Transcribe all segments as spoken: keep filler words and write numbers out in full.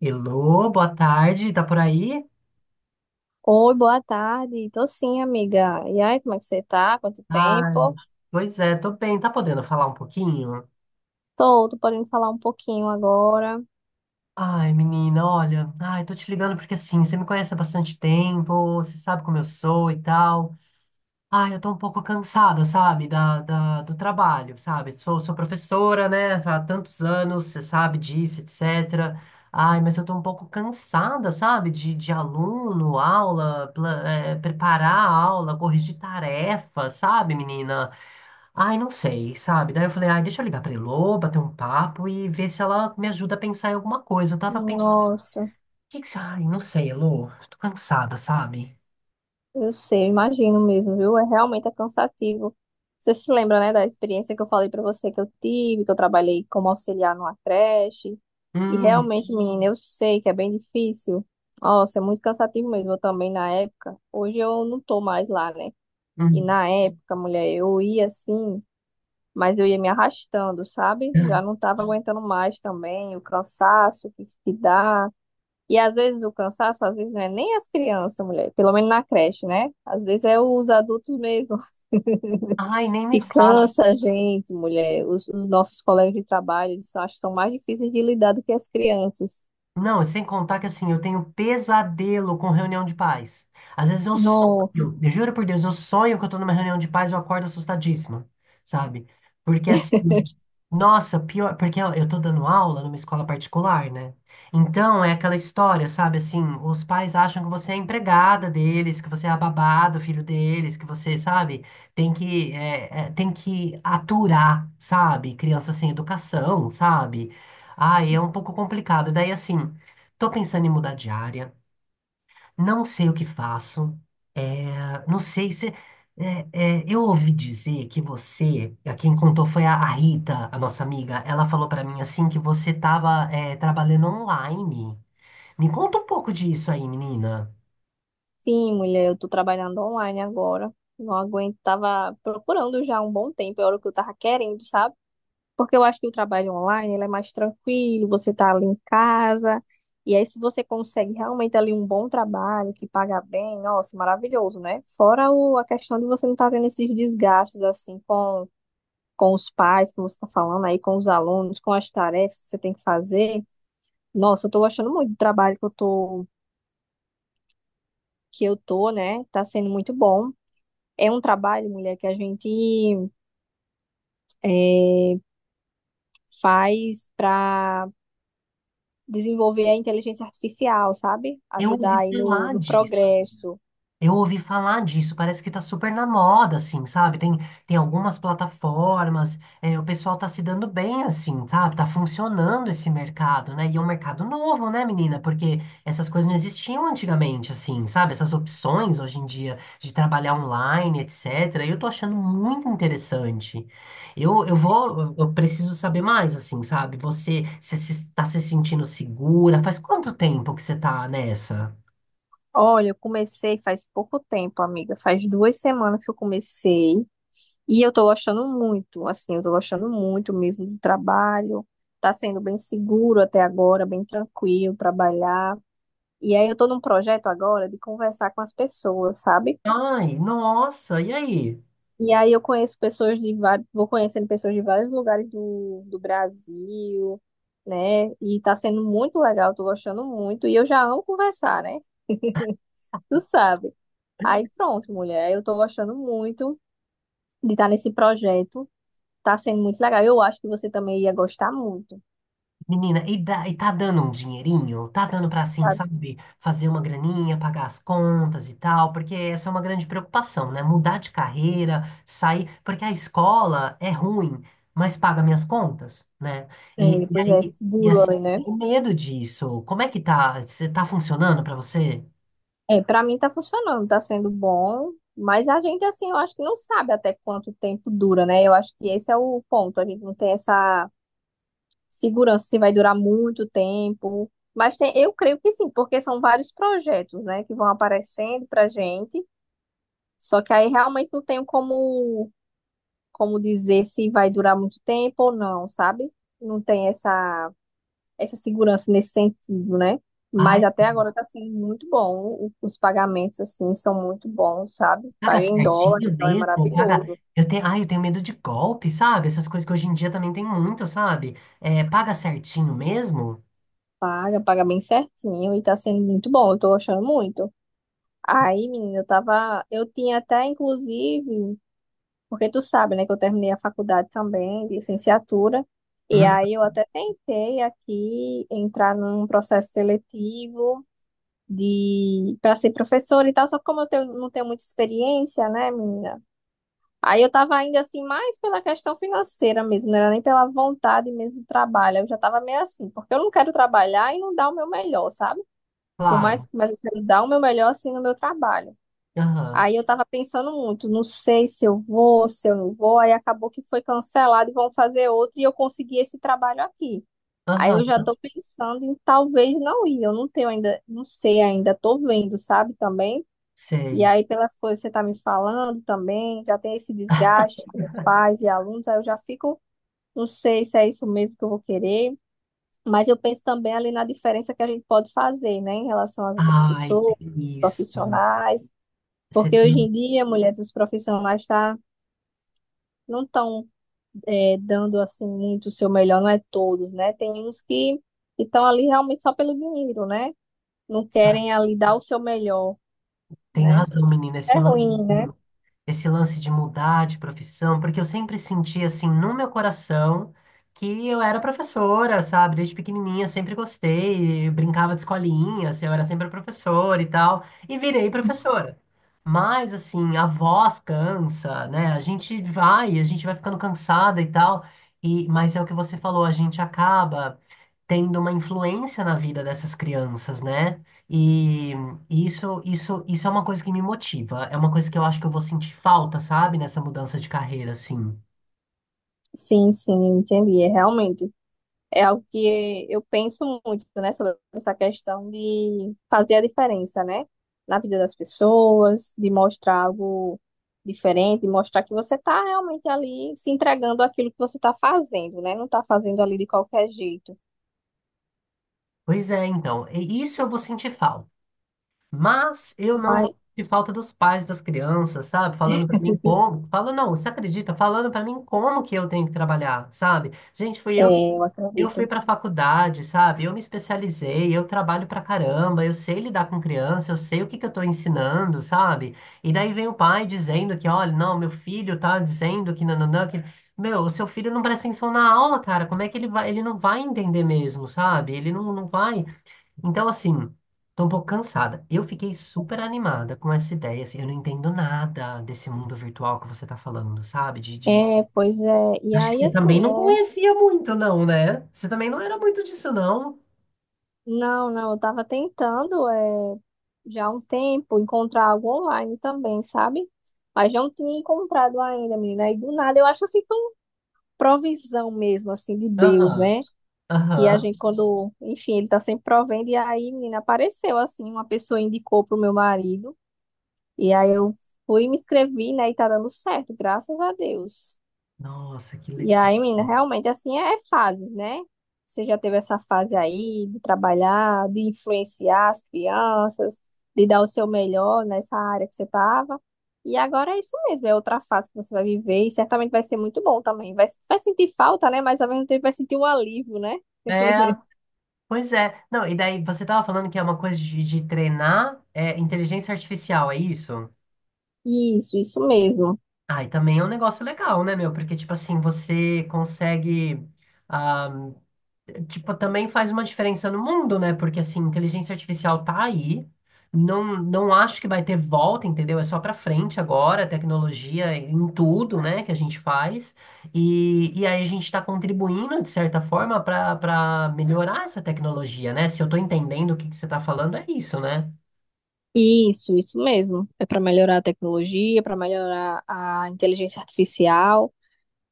Elô, boa tarde, tá por aí? Oi, boa tarde. Tô sim, amiga. E aí, como é que você tá? Quanto Ai, tempo? pois é, tô bem, tá podendo falar um pouquinho? Tô, tô podendo falar um pouquinho agora. Ai, menina, olha, ai, tô te ligando porque assim, você me conhece há bastante tempo, você sabe como eu sou e tal. Ai, eu tô um pouco cansada, sabe, da, da- do trabalho, sabe? Sou, sou professora, né, há tantos anos, você sabe disso, etcétera. Ai, mas eu tô um pouco cansada, sabe, de, de aluno, aula, pla- eh, preparar a aula, corrigir tarefa, sabe, menina? Ai, não sei, sabe? Daí eu falei, ai, deixa eu ligar pra Elô, bater um papo e ver se ela me ajuda a pensar em alguma coisa. Eu tava pensando, o Nossa, que que você... Ai, não sei, Elô, tô cansada, sabe? eu sei, eu imagino mesmo, viu? É realmente é cansativo. Você se lembra, né, da experiência que eu falei pra você que eu tive, que eu trabalhei como auxiliar numa creche? E Hum, realmente, menina, eu sei que é bem difícil. Nossa, é muito cansativo mesmo. Eu também na época. Hoje eu não tô mais lá, né? E hum. na época, mulher, eu ia assim, mas eu ia me arrastando, sabe? Já não estava aguentando mais também, o cansaço que, que dá. E às vezes o cansaço, às vezes não é nem as crianças, mulher, pelo menos na creche, né? Às vezes é os adultos mesmo Ai, nem me que fala. cansa a gente, mulher. Os, os nossos colegas de trabalho, eles acho que são mais difíceis de lidar do que as crianças. Não, sem contar que assim, eu tenho pesadelo com reunião de paz. Às vezes eu sonho, Nossa. eu juro por Deus, eu sonho que eu tô numa reunião de paz e eu acordo assustadíssima, sabe? Porque assim, nossa, pior, porque eu eu tô dando aula numa escola particular, né? Então é aquela história, sabe? Assim, os pais acham que você é a empregada deles, que você é a babá do filho deles, que você, sabe, tem que, é, é, tem que aturar, sabe? Criança sem educação, sabe? Ah, é um pouco complicado. Daí, assim, tô pensando em mudar de área, não sei o que faço, é, não sei se. é, é, eu ouvi dizer que você, a quem contou foi a, a Rita, a nossa amiga, ela falou pra mim assim que você tava é, trabalhando online. Me conta um pouco disso aí, menina. Sim, mulher, eu tô trabalhando online agora. Não aguento, tava procurando já há um bom tempo, era o que eu tava querendo, sabe? Porque eu acho que o trabalho online, ele é mais tranquilo, você tá ali em casa, e aí se você consegue realmente ali um bom trabalho, que paga bem, nossa, maravilhoso, né? Fora o, a questão de você não tá tendo esses desgastes, assim, com, com os pais, que você tá falando aí, com os alunos, com as tarefas que você tem que fazer. Nossa, eu tô gostando muito do trabalho que eu tô, que eu tô, né? Tá sendo muito bom. É um trabalho, mulher, que a gente é, faz para desenvolver a inteligência artificial, sabe? Eu Ajudar ouvi aí no, falar no disso. progresso. Eu ouvi falar disso, parece que tá super na moda, assim, sabe? Tem, tem algumas plataformas, é, o pessoal tá se dando bem, assim, sabe? Tá funcionando esse mercado, né? E é um mercado novo, né, menina? Porque essas coisas não existiam antigamente, assim, sabe? Essas opções hoje em dia de trabalhar online, etcétera. Eu tô achando muito interessante. Eu, eu vou, eu eu preciso saber mais, assim, sabe? Você, você se- tá se sentindo segura? Faz quanto tempo que você tá nessa? Olha, eu comecei faz pouco tempo, amiga. Faz duas semanas que eu comecei e eu tô gostando muito, assim, eu tô gostando muito mesmo do trabalho. Tá sendo bem seguro até agora, bem tranquilo trabalhar. E aí eu tô num projeto agora de conversar com as pessoas, sabe? Ai, nossa, e aí? E aí eu conheço pessoas de vários, vou conhecendo pessoas de vários lugares do, do Brasil, né? E tá sendo muito legal, tô gostando muito. E eu já amo conversar, né? Tu sabe. Aí pronto, mulher, eu tô gostando muito de estar nesse projeto. Tá sendo muito legal. Eu acho que você também ia gostar muito, Menina, e, dá, e tá dando um dinheirinho? Tá dando pra, assim, sabe? sabe, fazer uma graninha, pagar as contas e tal, porque essa é uma grande preocupação, né? Mudar de carreira, sair, porque a escola é ruim, mas paga minhas contas, né? E, É, e pois é, aí, e seguro assim, ali, né? tenho medo disso. Como é que tá? Você tá funcionando pra você? É, pra mim tá funcionando, tá sendo bom. Mas a gente, assim, eu acho que não sabe até quanto tempo dura, né? Eu acho que esse é o ponto. A gente não tem essa segurança se vai durar muito tempo. Mas tem, eu creio que sim, porque são vários projetos, né, que vão aparecendo pra gente. Só que aí realmente não tenho como, como dizer se vai durar muito tempo ou não, sabe? Não tem essa, essa segurança nesse sentido, né? Mas Ai, até agora tá sendo muito bom. O- Os pagamentos, assim, são muito bons, sabe? paga Paga em dólar, certinho então é mesmo, paga. maravilhoso. Eu tenho, ai, eu tenho medo de golpe, sabe? Essas coisas que hoje em dia também tem muito, sabe? É, paga certinho mesmo? Paga, paga bem certinho e tá sendo muito bom. Eu tô achando muito. Aí, menina, eu tava. Eu tinha até, inclusive, porque tu sabe, né, que eu terminei a faculdade também, de licenciatura, e Hum, aí eu até tentei aqui entrar num processo seletivo de para ser professora e tal, só que como eu tenho- não tenho muita experiência, né, menina? Aí eu tava ainda assim, mais pela questão financeira mesmo, não era nem pela vontade mesmo do trabalho. Eu já tava meio assim, porque eu não quero trabalhar e não dar o meu melhor, sabe? Por mais, claro. mas eu quero dar o meu melhor assim no meu trabalho. Aham, Aí eu tava pensando muito, não sei se eu vou, se eu não vou, aí acabou que foi cancelado e vão fazer outro e eu consegui esse trabalho aqui. Aí aham, eu já tô pensando em talvez não ir, eu não tenho ainda, não sei ainda, tô vendo, sabe, também. E sei. aí pelas coisas que você tá me falando também, já tem esse desgaste com os pais e alunos, aí eu já fico, não sei se é isso mesmo que eu vou querer, mas eu penso também ali na diferença que a gente pode fazer, né, em relação às outras Ai, pessoas, tem isso. profissionais. Você Porque hoje tem, em dia, mulheres, os profissionais tá, não estão dando assim muito o seu melhor, não é todos, né? Tem uns que estão ali realmente só pelo dinheiro, né? Não ah, querem ali dar o seu melhor, tem né? razão, menina. Esse É ruim, lance. né? Esse lance de mudar de profissão, porque eu sempre senti assim no meu coração que eu era professora, sabe? Desde pequenininha sempre gostei, eu brincava de escolinha, assim, eu era sempre professora e tal, e virei professora. Mas assim, a voz cansa, né? A gente vai, a gente vai ficando cansada e tal. E mas é o que você falou, a gente acaba tendo uma influência na vida dessas crianças, né? E isso, isso, isso é uma coisa que me motiva. É uma coisa que eu acho que eu vou sentir falta, sabe? Nessa mudança de carreira, assim. Sim, sim, entendi. É realmente é algo que eu penso muito, né, sobre essa questão de fazer a diferença, né, na vida das pessoas, de mostrar algo diferente, mostrar que você está realmente ali se entregando àquilo que você está fazendo, né, não está fazendo ali de qualquer jeito. Pois é, então. E isso eu vou sentir falta. Mas eu não Mas, vou sentir falta dos pais das crianças, sabe? Falando pra mim como. Falando, não, você acredita? Falando pra mim como que eu tenho que trabalhar, sabe? Gente, fui eu que é, eu eu fui acredito. para faculdade, sabe? Eu me especializei, eu trabalho pra caramba, eu sei lidar com criança, eu sei o que que eu tô ensinando, sabe? E daí vem o pai dizendo que, olha, não, meu filho tá dizendo que nananã, que... Meu, o seu filho não presta atenção na aula, cara. Como é que ele vai? Ele não vai entender mesmo, sabe? Ele não, não vai. Então, assim, tô um pouco cansada. Eu fiquei super animada com essa ideia, assim, eu não entendo nada desse mundo virtual que você tá falando, sabe? De de É, pois é. E Acho que aí, você assim, também não é, conhecia muito, não, né? Você também não era muito disso, não. não, não, eu estava tentando, é, já há um tempo encontrar algo online também, sabe? Mas não tinha encontrado ainda, menina. E do nada, eu acho assim, provisão mesmo, assim, de Deus, Aham, né? Que a aham. gente, quando, enfim, ele tá sempre provendo, e aí, menina, apareceu, assim, uma pessoa indicou pro meu marido, e aí eu fui, me inscrevi, né, e tá dando certo, graças a Deus. Nossa, que E legal. aí, menina, realmente assim é é fases, né? Você já teve essa fase aí de trabalhar, de influenciar as crianças, de dar o seu melhor nessa área que você estava. E agora é isso mesmo, é outra fase que você vai viver e certamente vai ser muito bom também. Vai, vai sentir falta, né? Mas ao mesmo tempo vai sentir um alívio, né? É, pois é. Não, e daí você tava falando que é uma coisa de, de treinar é, inteligência artificial, é isso? Isso, isso mesmo. Ah, e também é um negócio legal, né, meu? Porque, tipo assim, você consegue. Ah, tipo, também faz uma diferença no mundo, né? Porque assim, inteligência artificial tá aí. Não, não acho que vai ter volta, entendeu? É só pra frente agora, tecnologia em tudo, né, que a gente faz. E, e aí a gente está contribuindo, de certa forma, para para melhorar essa tecnologia, né? Se eu tô entendendo o que que você tá falando, é isso, né? Isso, isso mesmo. É para melhorar a tecnologia, para melhorar a inteligência artificial,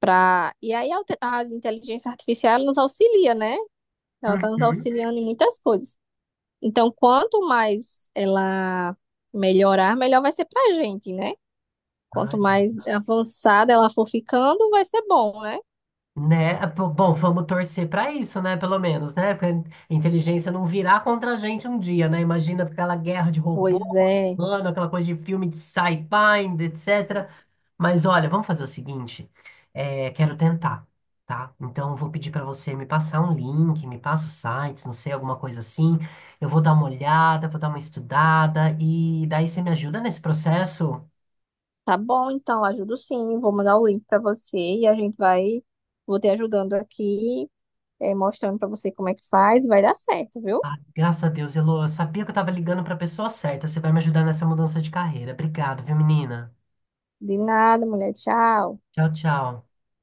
para E aí a, te- a inteligência artificial ela nos auxilia, né? Ela está nos Uhum. auxiliando em muitas coisas. Então, quanto mais ela melhorar, melhor vai ser pra gente, né? Quanto Ah, mais avançada ela for ficando, vai ser bom, né? né? Ah, pô, bom, vamos torcer para isso, né? Pelo menos, né? Pra inteligência não virar contra a gente um dia, né? Imagina aquela guerra de robô Pois contra é. humano, aquela coisa de filme de sci-fi, etcétera. Mas olha, vamos fazer o seguinte: é, quero tentar, tá? Então eu vou pedir para você me passar um link, me passa os sites, não sei, alguma coisa assim. Eu vou dar uma olhada, vou dar uma estudada e daí você me ajuda nesse processo? Tá bom, então, ajudo sim. Vou mandar o link pra você e a gente vai. Vou te ajudando aqui, eh, mostrando pra você como é que faz. Vai dar certo, viu? Ah, graças a Deus, Elô. Eu sabia que eu tava ligando pra pessoa certa. Você vai me ajudar nessa mudança de carreira. Obrigado, viu, menina? De nada, mulher. Tchau. Tchau, tchau.